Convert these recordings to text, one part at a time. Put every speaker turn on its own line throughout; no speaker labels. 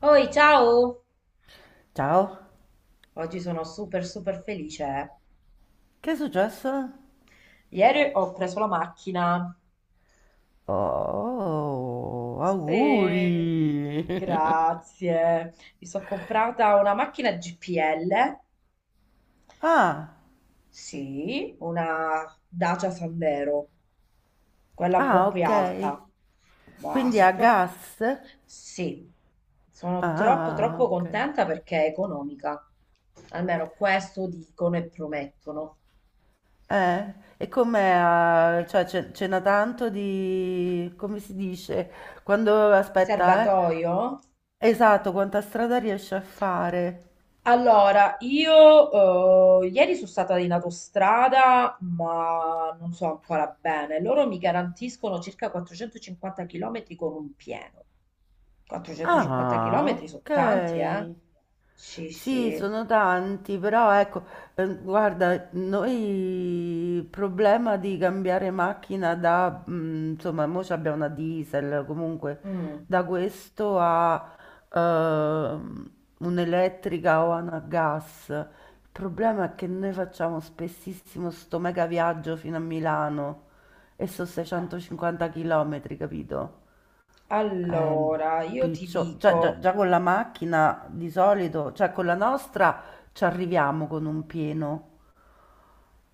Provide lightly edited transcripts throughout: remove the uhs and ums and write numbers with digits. Oi, ciao!
Ciao,
Oggi sono super super felice.
che è successo?
Ieri ho preso la macchina.
Oh,
Sì,
auguri!
grazie. Mi sono comprata una macchina GPL.
Ah,
Sì, una Dacia Sandero, quella un po'
ah,
più
ok.
alta. Ma
Quindi
sono
a
troppo.
gas?
Sì, sono troppo
Ah,
troppo
ok.
contenta perché è economica. Almeno questo dicono e promettono.
E com'è? Cioè, ce n'ha tanto di... come si dice? Quando...
Il
aspetta, eh?
serbatoio?
Esatto, quanta strada riesce a fare?
Allora, io ieri sono stata in autostrada, ma non so ancora bene. Loro mi garantiscono circa 450 km con un pieno. 450 km
Ah,
sono tanti, eh?
ok.
Sì,
Sì,
sì.
sono tanti, però ecco, guarda, noi il problema di cambiare macchina da, insomma, mo abbiamo una diesel, comunque
Mm.
da questo a ehm, un'elettrica o a una gas. Il problema è che noi facciamo spessissimo sto mega viaggio fino a Milano e sono 650 km, capito? Ehm,
Allora, io ti
piccio, già, già-
dico,
già con la macchina di solito, cioè con la nostra ci arriviamo con un pieno,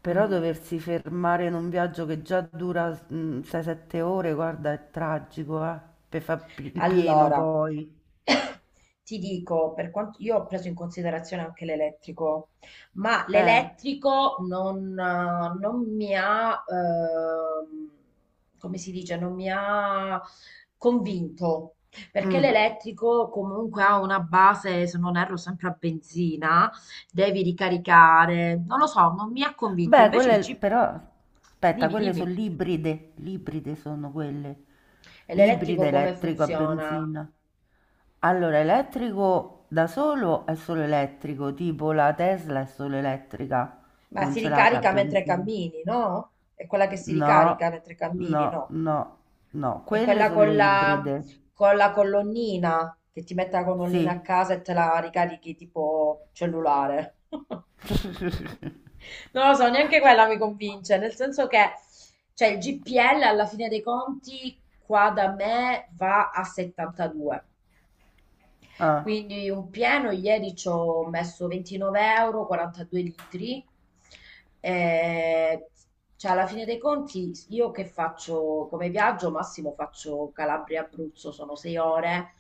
però
mm,
doversi fermare in un viaggio che già dura 6-7 ore, guarda, è tragico, per fare il pieno
Allora,
poi.
ti dico, per quanto io ho preso in considerazione anche l'elettrico, ma
Eh,
l'elettrico non mi ha, come si dice, non mi ha convinto, perché
mm.
l'elettrico comunque ha una base, se non erro, sempre a benzina, devi ricaricare, non lo so, non mi ha convinto,
Beh,
invece il
quelle
chip,
però, aspetta,
dimmi,
quelle sono
dimmi,
l'ibride, l'ibride sono quelle,
e l'elettrico
ibride
come
elettrico a
funziona?
benzina. Allora, elettrico da solo è solo elettrico, tipo la Tesla è solo elettrica,
Ma
non
si
ce l'ha la
ricarica mentre
benzina.
cammini, no? È quella che si
No,
ricarica mentre cammini,
no,
no?
no, no,
È
quelle
quella
sono le ibride,
con la colonnina, che ti mette la colonnina a
sì.
casa e te la ricarichi tipo cellulare. Non lo so, neanche quella mi convince, nel senso che, cioè, il GPL alla fine dei conti qua da me va a 72.
Ah,
Quindi un pieno, ieri ci ho messo 29 euro, 42 litri. Eh, cioè, alla fine dei conti, io che faccio come viaggio, massimo faccio Calabria-Abruzzo, sono 6 ore.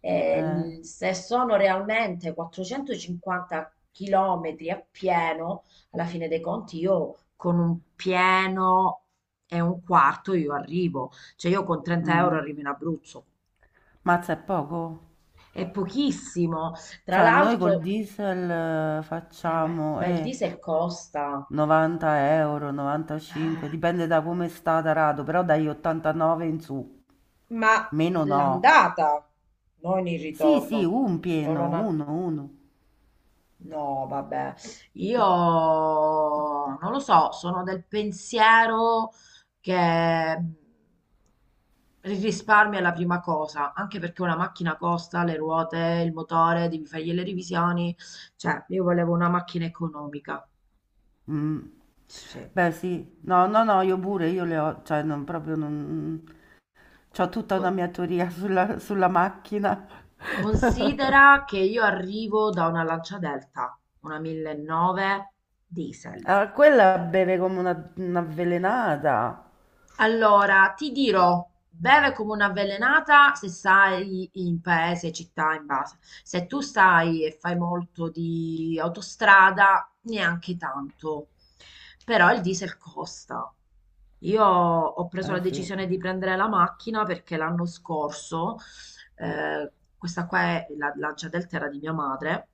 eh,
Se sono realmente 450 chilometri a pieno, alla fine dei conti io con un pieno e un quarto io arrivo. Cioè io con 30 euro
mm.
arrivo in Abruzzo.
Mazza è poco?
È pochissimo. Tra
Cioè, noi col
l'altro,
diesel facciamo
Ma il diesel costa.
90 euro, 95,
Ah,
dipende da come sta tarato, però dagli 89 in su,
ma
meno no.
l'andata, non il
Sì, sì,
ritorno.
un
Solo
pieno,
una...
uno, uno.
no, vabbè. Io non lo so, sono del pensiero che mm, il risparmio è la prima cosa, anche perché una macchina costa, le ruote, il motore, devi fargli le revisioni. Cioè, io volevo una macchina economica.
Mm,
Sì.
beh, sì, no, no, no, io pure, io le ho, cioè, non, proprio non... C'ho tutta una
Co-
mia teoria sulla macchina.
Considera che io arrivo da una Lancia Delta, una mille e nove diesel.
Ah, quella beve come un'avvelenata.
Allora, ti dirò, beve come un'avvelenata se stai in paese, città, in base. Se tu stai e fai molto di autostrada, neanche tanto. Però il diesel costa. Io ho preso la
Eh sì,
decisione di prendere la macchina perché l'anno scorso, questa qua è la Gia Delta era di mia madre,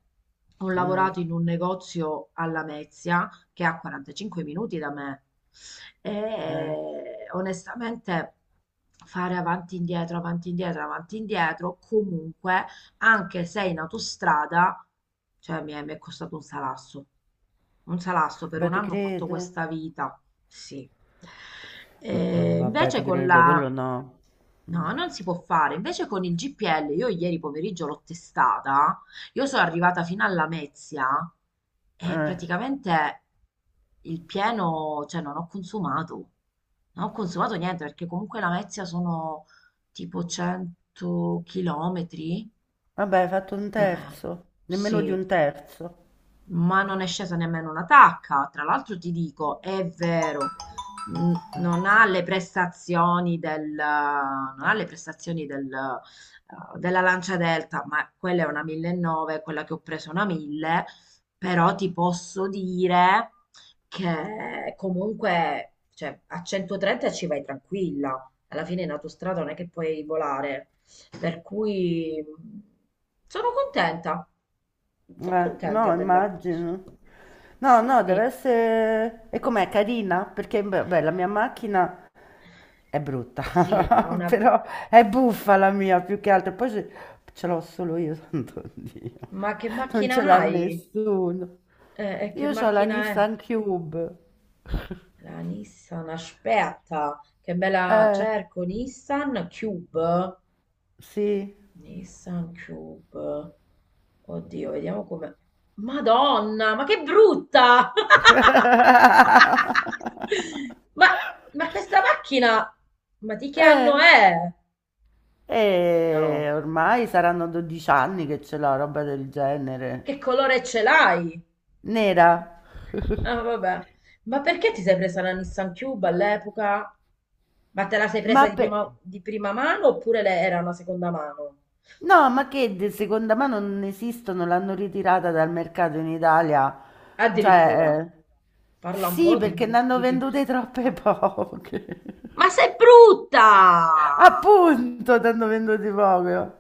ho
mm,
lavorato in un negozio alla Lamezia che è a 45 minuti da me. E
eh.
onestamente fare avanti e indietro, avanti e indietro, avanti e indietro, comunque, anche se in autostrada, cioè mi è costato un salasso. Un salasso per
Beh,
un
te
anno ho fatto
credo.
questa vita, sì.
Mm, no,
E
vabbè,
invece
ti
con
credo,
la
quello no.
no, non si può fare. Invece con il GPL, io ieri pomeriggio l'ho testata, io sono arrivata fino alla Lamezia e
Eh,
praticamente il pieno, cioè non ho consumato, non ho consumato niente perché comunque la Lamezia sono tipo 100 chilometri,
vabbè, hai fatto un
più o meno,
terzo, nemmeno di
sì,
un terzo.
ma non è scesa nemmeno una tacca. Tra l'altro ti dico, è vero, non ha le prestazioni del della Lancia Delta, ma quella è una 1900, quella che ho preso è una 1000, però ti posso dire che comunque, cioè, a 130 ci vai tranquilla. Alla fine in autostrada non è che puoi volare, per cui sono contenta, sono contenta
No,
dell'acquisto.
immagino. No,
Sì,
no, deve
sì,
essere... E com'è, carina? Perché, beh, beh, la mia macchina è brutta,
sì, ha una
però è buffa la mia più che altro. Poi ce l'ho solo io, Santo Dio.
ma che
Non ce
macchina
l'ha
hai?
nessuno.
E che
Io ho la
macchina è?
Nissan Cube.
La Nissan, aspetta, che me la
Eh,
cerco, Nissan Cube.
sì.
Nissan Cube. Oddio, vediamo come... Madonna, ma che brutta! Ma, ma questa macchina, ma di che anno
Eh,
è? No,
ormai saranno 12 anni che c'è la roba del genere.
che colore ce l'hai?
Nera.
Ah, vabbè. Ma perché ti sei presa la Nissan Cube all'epoca? Ma te la sei presa
Ma per...
di prima mano oppure era una seconda mano?
No, ma che di seconda mano non esistono, l'hanno ritirata dal mercato in Italia.
Addirittura.
Cioè,
Parla un
sì,
po',
perché ne
dimmi,
hanno
dimmi.
vendute troppe poche.
Ma sei brutta!
Appunto, ne hanno vendute poche.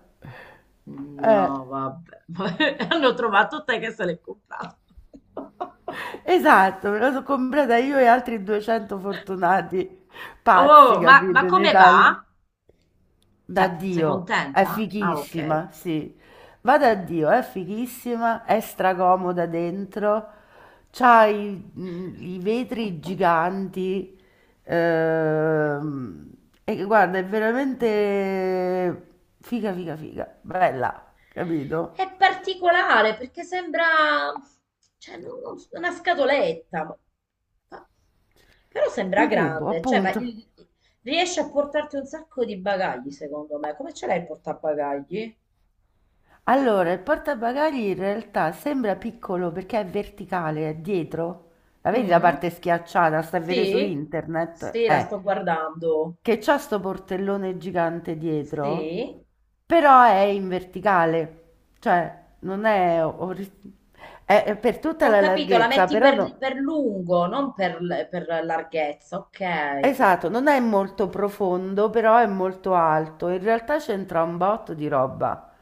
Eh.
No, vabbè. Ma hanno trovato te che se l'hai comprata.
Esatto, me la sono comprata io e altri 200 fortunati pazzi,
Oh, ma
capito, in
come va?
Italia. Da
Cioè, sei
Dio, è
contenta? Ah, ok.
fighissima, sì. Va
Beh.
da Dio, è fighissima, è stracomoda dentro, c'ha i vetri giganti, ehm, e guarda, è veramente figa, figa, figa, bella, capito?
È particolare perché sembra, cioè, non so, una scatoletta, ma- però sembra
Un cubo,
grande, cioè,
appunto.
riesce a portarti un sacco di bagagli, secondo me. Come ce l'hai il portabagagli?
Allora, il portabagagli in realtà sembra piccolo perché è verticale, è dietro. La vedi la
Mm?
parte schiacciata? Sta a vedere su
Sì,
internet?
sì, la sto guardando.
Che c'ha sto portellone gigante dietro,
Sì,
però è in verticale, cioè non è, è per tutta
ho
la
capito, la
larghezza,
metti
però no.
per lungo, non per, l- per larghezza, ok.
Esatto, non è molto profondo, però è molto alto. In realtà c'entra un botto di roba.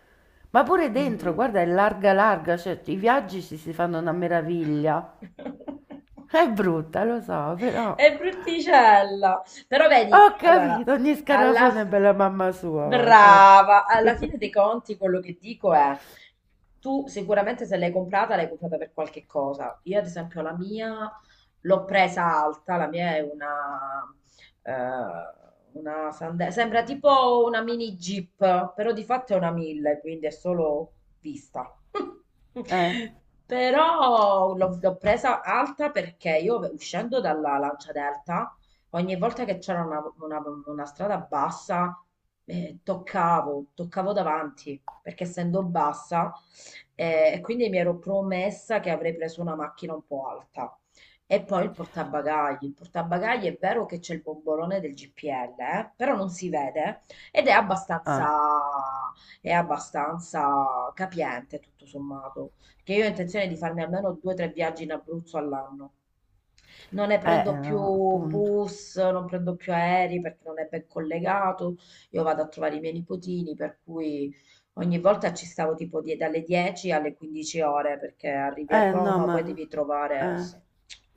Ma pure dentro,
Mm.
guarda, è larga larga, cioè i viaggi ci si fanno una meraviglia. È brutta, lo so, però
È brutticella. Però vedi,
ho
allora,
capito, ogni
alla
scarafone è bella mamma sua, ma guarda.
brava, alla fine dei conti quello che dico è, tu sicuramente se l'hai comprata, l'hai comprata per qualche cosa. Io ad esempio la mia l'ho presa alta, la mia è eh, una sembra tipo una mini Jeep, però di fatto è una 1000, quindi è solo vista.
Eh,
Però l'ho presa alta perché io uscendo dalla Lancia Delta ogni volta che c'era una strada bassa, toccavo, toccavo davanti, perché essendo bassa, e quindi mi ero promessa che avrei preso una macchina un po' alta. E poi il portabagagli. Il portabagagli è vero che c'è il bombolone del GPL, però non si vede ed
ah,
è abbastanza capiente tutto sommato. Che io ho intenzione di farmi almeno due o tre viaggi in Abruzzo all'anno, non ne prendo più
no, appunto.
bus, non prendo più aerei perché non è ben collegato, io vado a trovare i miei nipotini, per cui ogni volta ci stavo tipo dalle 10 alle 15 ore perché arrivi a
Eh no,
Roma, poi
ma,
devi trovare...
eh.
sì.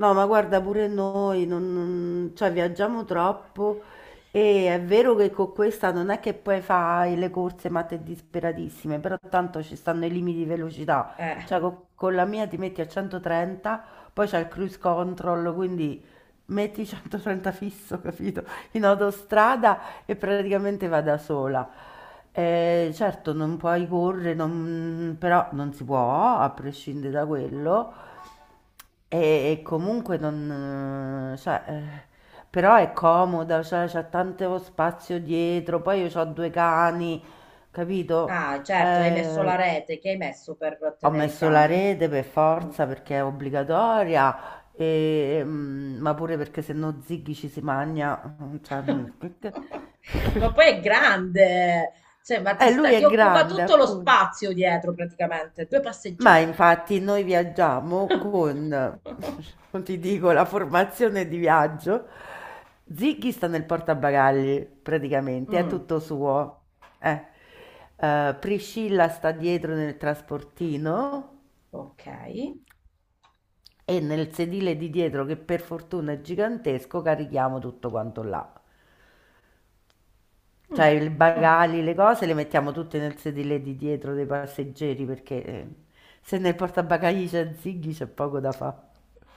No, ma guarda pure noi, non, cioè viaggiamo troppo e è vero che con questa non è che poi fai le corse matte disperatissime, però tanto ci stanno i limiti di velocità, cioè
Eh,
con la mia ti metti a 130, poi c'è il cruise control, quindi metti 130 fisso, capito? In autostrada e praticamente va da sola. Certo, non puoi correre, però non si può, a prescindere da quello. E, e comunque non, cioè, però è comoda, cioè, c'ha tanto spazio dietro, poi io ho due cani, capito?
ah, certo, hai messo la
Eh,
rete che hai messo per
ho
tenere i
messo la
cani?
rete per
Mm.
forza perché è obbligatoria, e, ma pure perché se no Ziggy ci si magna. Cioè.
Ma poi è grande, cioè,
Lui
ti
è
occupa
grande,
tutto lo
appunto.
spazio dietro praticamente, due
Ma
passeggeri.
infatti noi viaggiamo con, non ti dico, la formazione di viaggio. Ziggy sta nel portabagagli, praticamente, è
Mh,
tutto suo. Eh. Priscilla sta dietro nel trasportino
okay.
e nel sedile di dietro, che per fortuna è gigantesco, carichiamo tutto quanto là. Cioè
Mh,
i
mh.
bagagli, le cose le mettiamo tutte nel sedile di dietro dei passeggeri perché se nel portabagagli c'è Ziggy c'è poco da fare.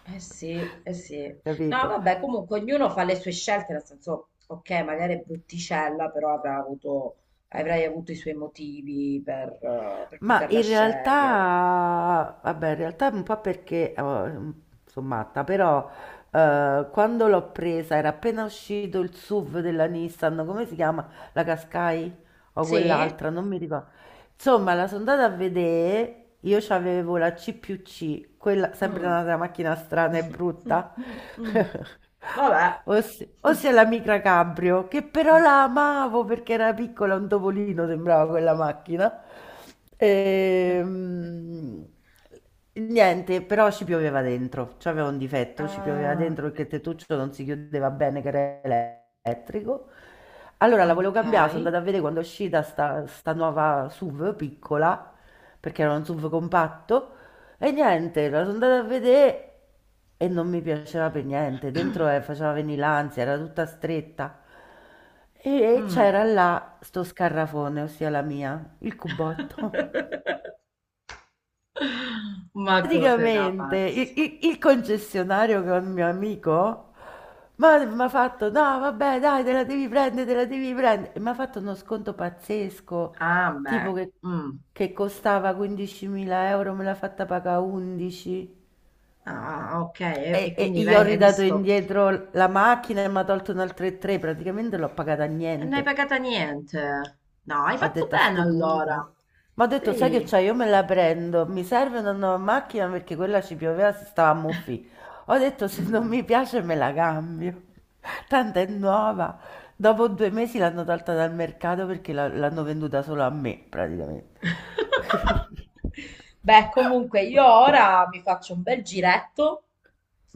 Eh sì, eh sì. No,
Capito?
vabbè, comunque ognuno fa le sue scelte, nel senso, ok, magari è brutticella, però avrai avuto i suoi motivi per
Ma
poterla
in
scegliere.
realtà, vabbè, in realtà un po' perché sono matta, però quando l'ho presa era appena uscito il SUV della Nissan, come si chiama? La Qashqai o
Sì?
quell'altra, non mi ricordo. Insomma, la sono andata a vedere, io c'avevo la C+C, quella sempre
Mm.
un'altra macchina strana e
Mm,
brutta,
mm, mm. Vabbè.
ossia la Micra Cabrio, che però la amavo perché era piccola, un topolino sembrava quella macchina. Ehm, Niente, però ci pioveva dentro. C'aveva un difetto, ci pioveva
Ah,
dentro perché il tettuccio non si chiudeva bene, che era elettrico. Allora la volevo
ok.
cambiare, sono andata a vedere quando è uscita sta nuova SUV piccola, perché era un SUV compatto, e niente, la sono andata a vedere e non mi piaceva per niente. Dentro faceva venire l'ansia, era tutta stretta. E
Mm.
c'era là sto scarrafone, ossia la mia, il cubotto.
Ma cose da
Praticamente il,
pazzi.
il- il concessionario che è un mio amico mi ha fatto: No, vabbè, dai, te la devi prendere, te la devi prendere. E mi ha fatto uno sconto pazzesco,
Ah,
tipo
beh.
che,
Mm.
che costava 15.000 euro, me l'ha fatta pagare 11.
Ah, ok. E,
E,
e
e
quindi
gli ho
hai
ridato
visto?
indietro la macchina e mi ha tolto un altro 3, praticamente l'ho pagata a
E non hai
niente.
pagata niente. No, hai
Ho
fatto
detto a
bene
sto
allora.
punto. Ma ho detto, sai che
Sì.
c'è, io me la prendo, mi serve una nuova macchina perché quella ci pioveva, si stava a muffi. Ho detto, se non
Mm.
mi piace me la cambio. Tanto è nuova. Dopo due mesi l'hanno tolta dal mercato perché l'hanno venduta solo a me, praticamente.
Beh, comunque io ora mi faccio un bel giretto,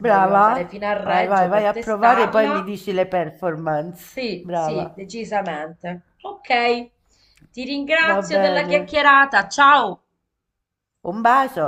voglio
Brava?
andare fino a
Vai, vai,
Reggio
vai
per
a provare, e poi mi
testarla.
dici le performance.
Sì,
Brava.
sì, decisamente. Ok, ti
Va
ringrazio della
bene.
chiacchierata. Ciao!
Un bacio.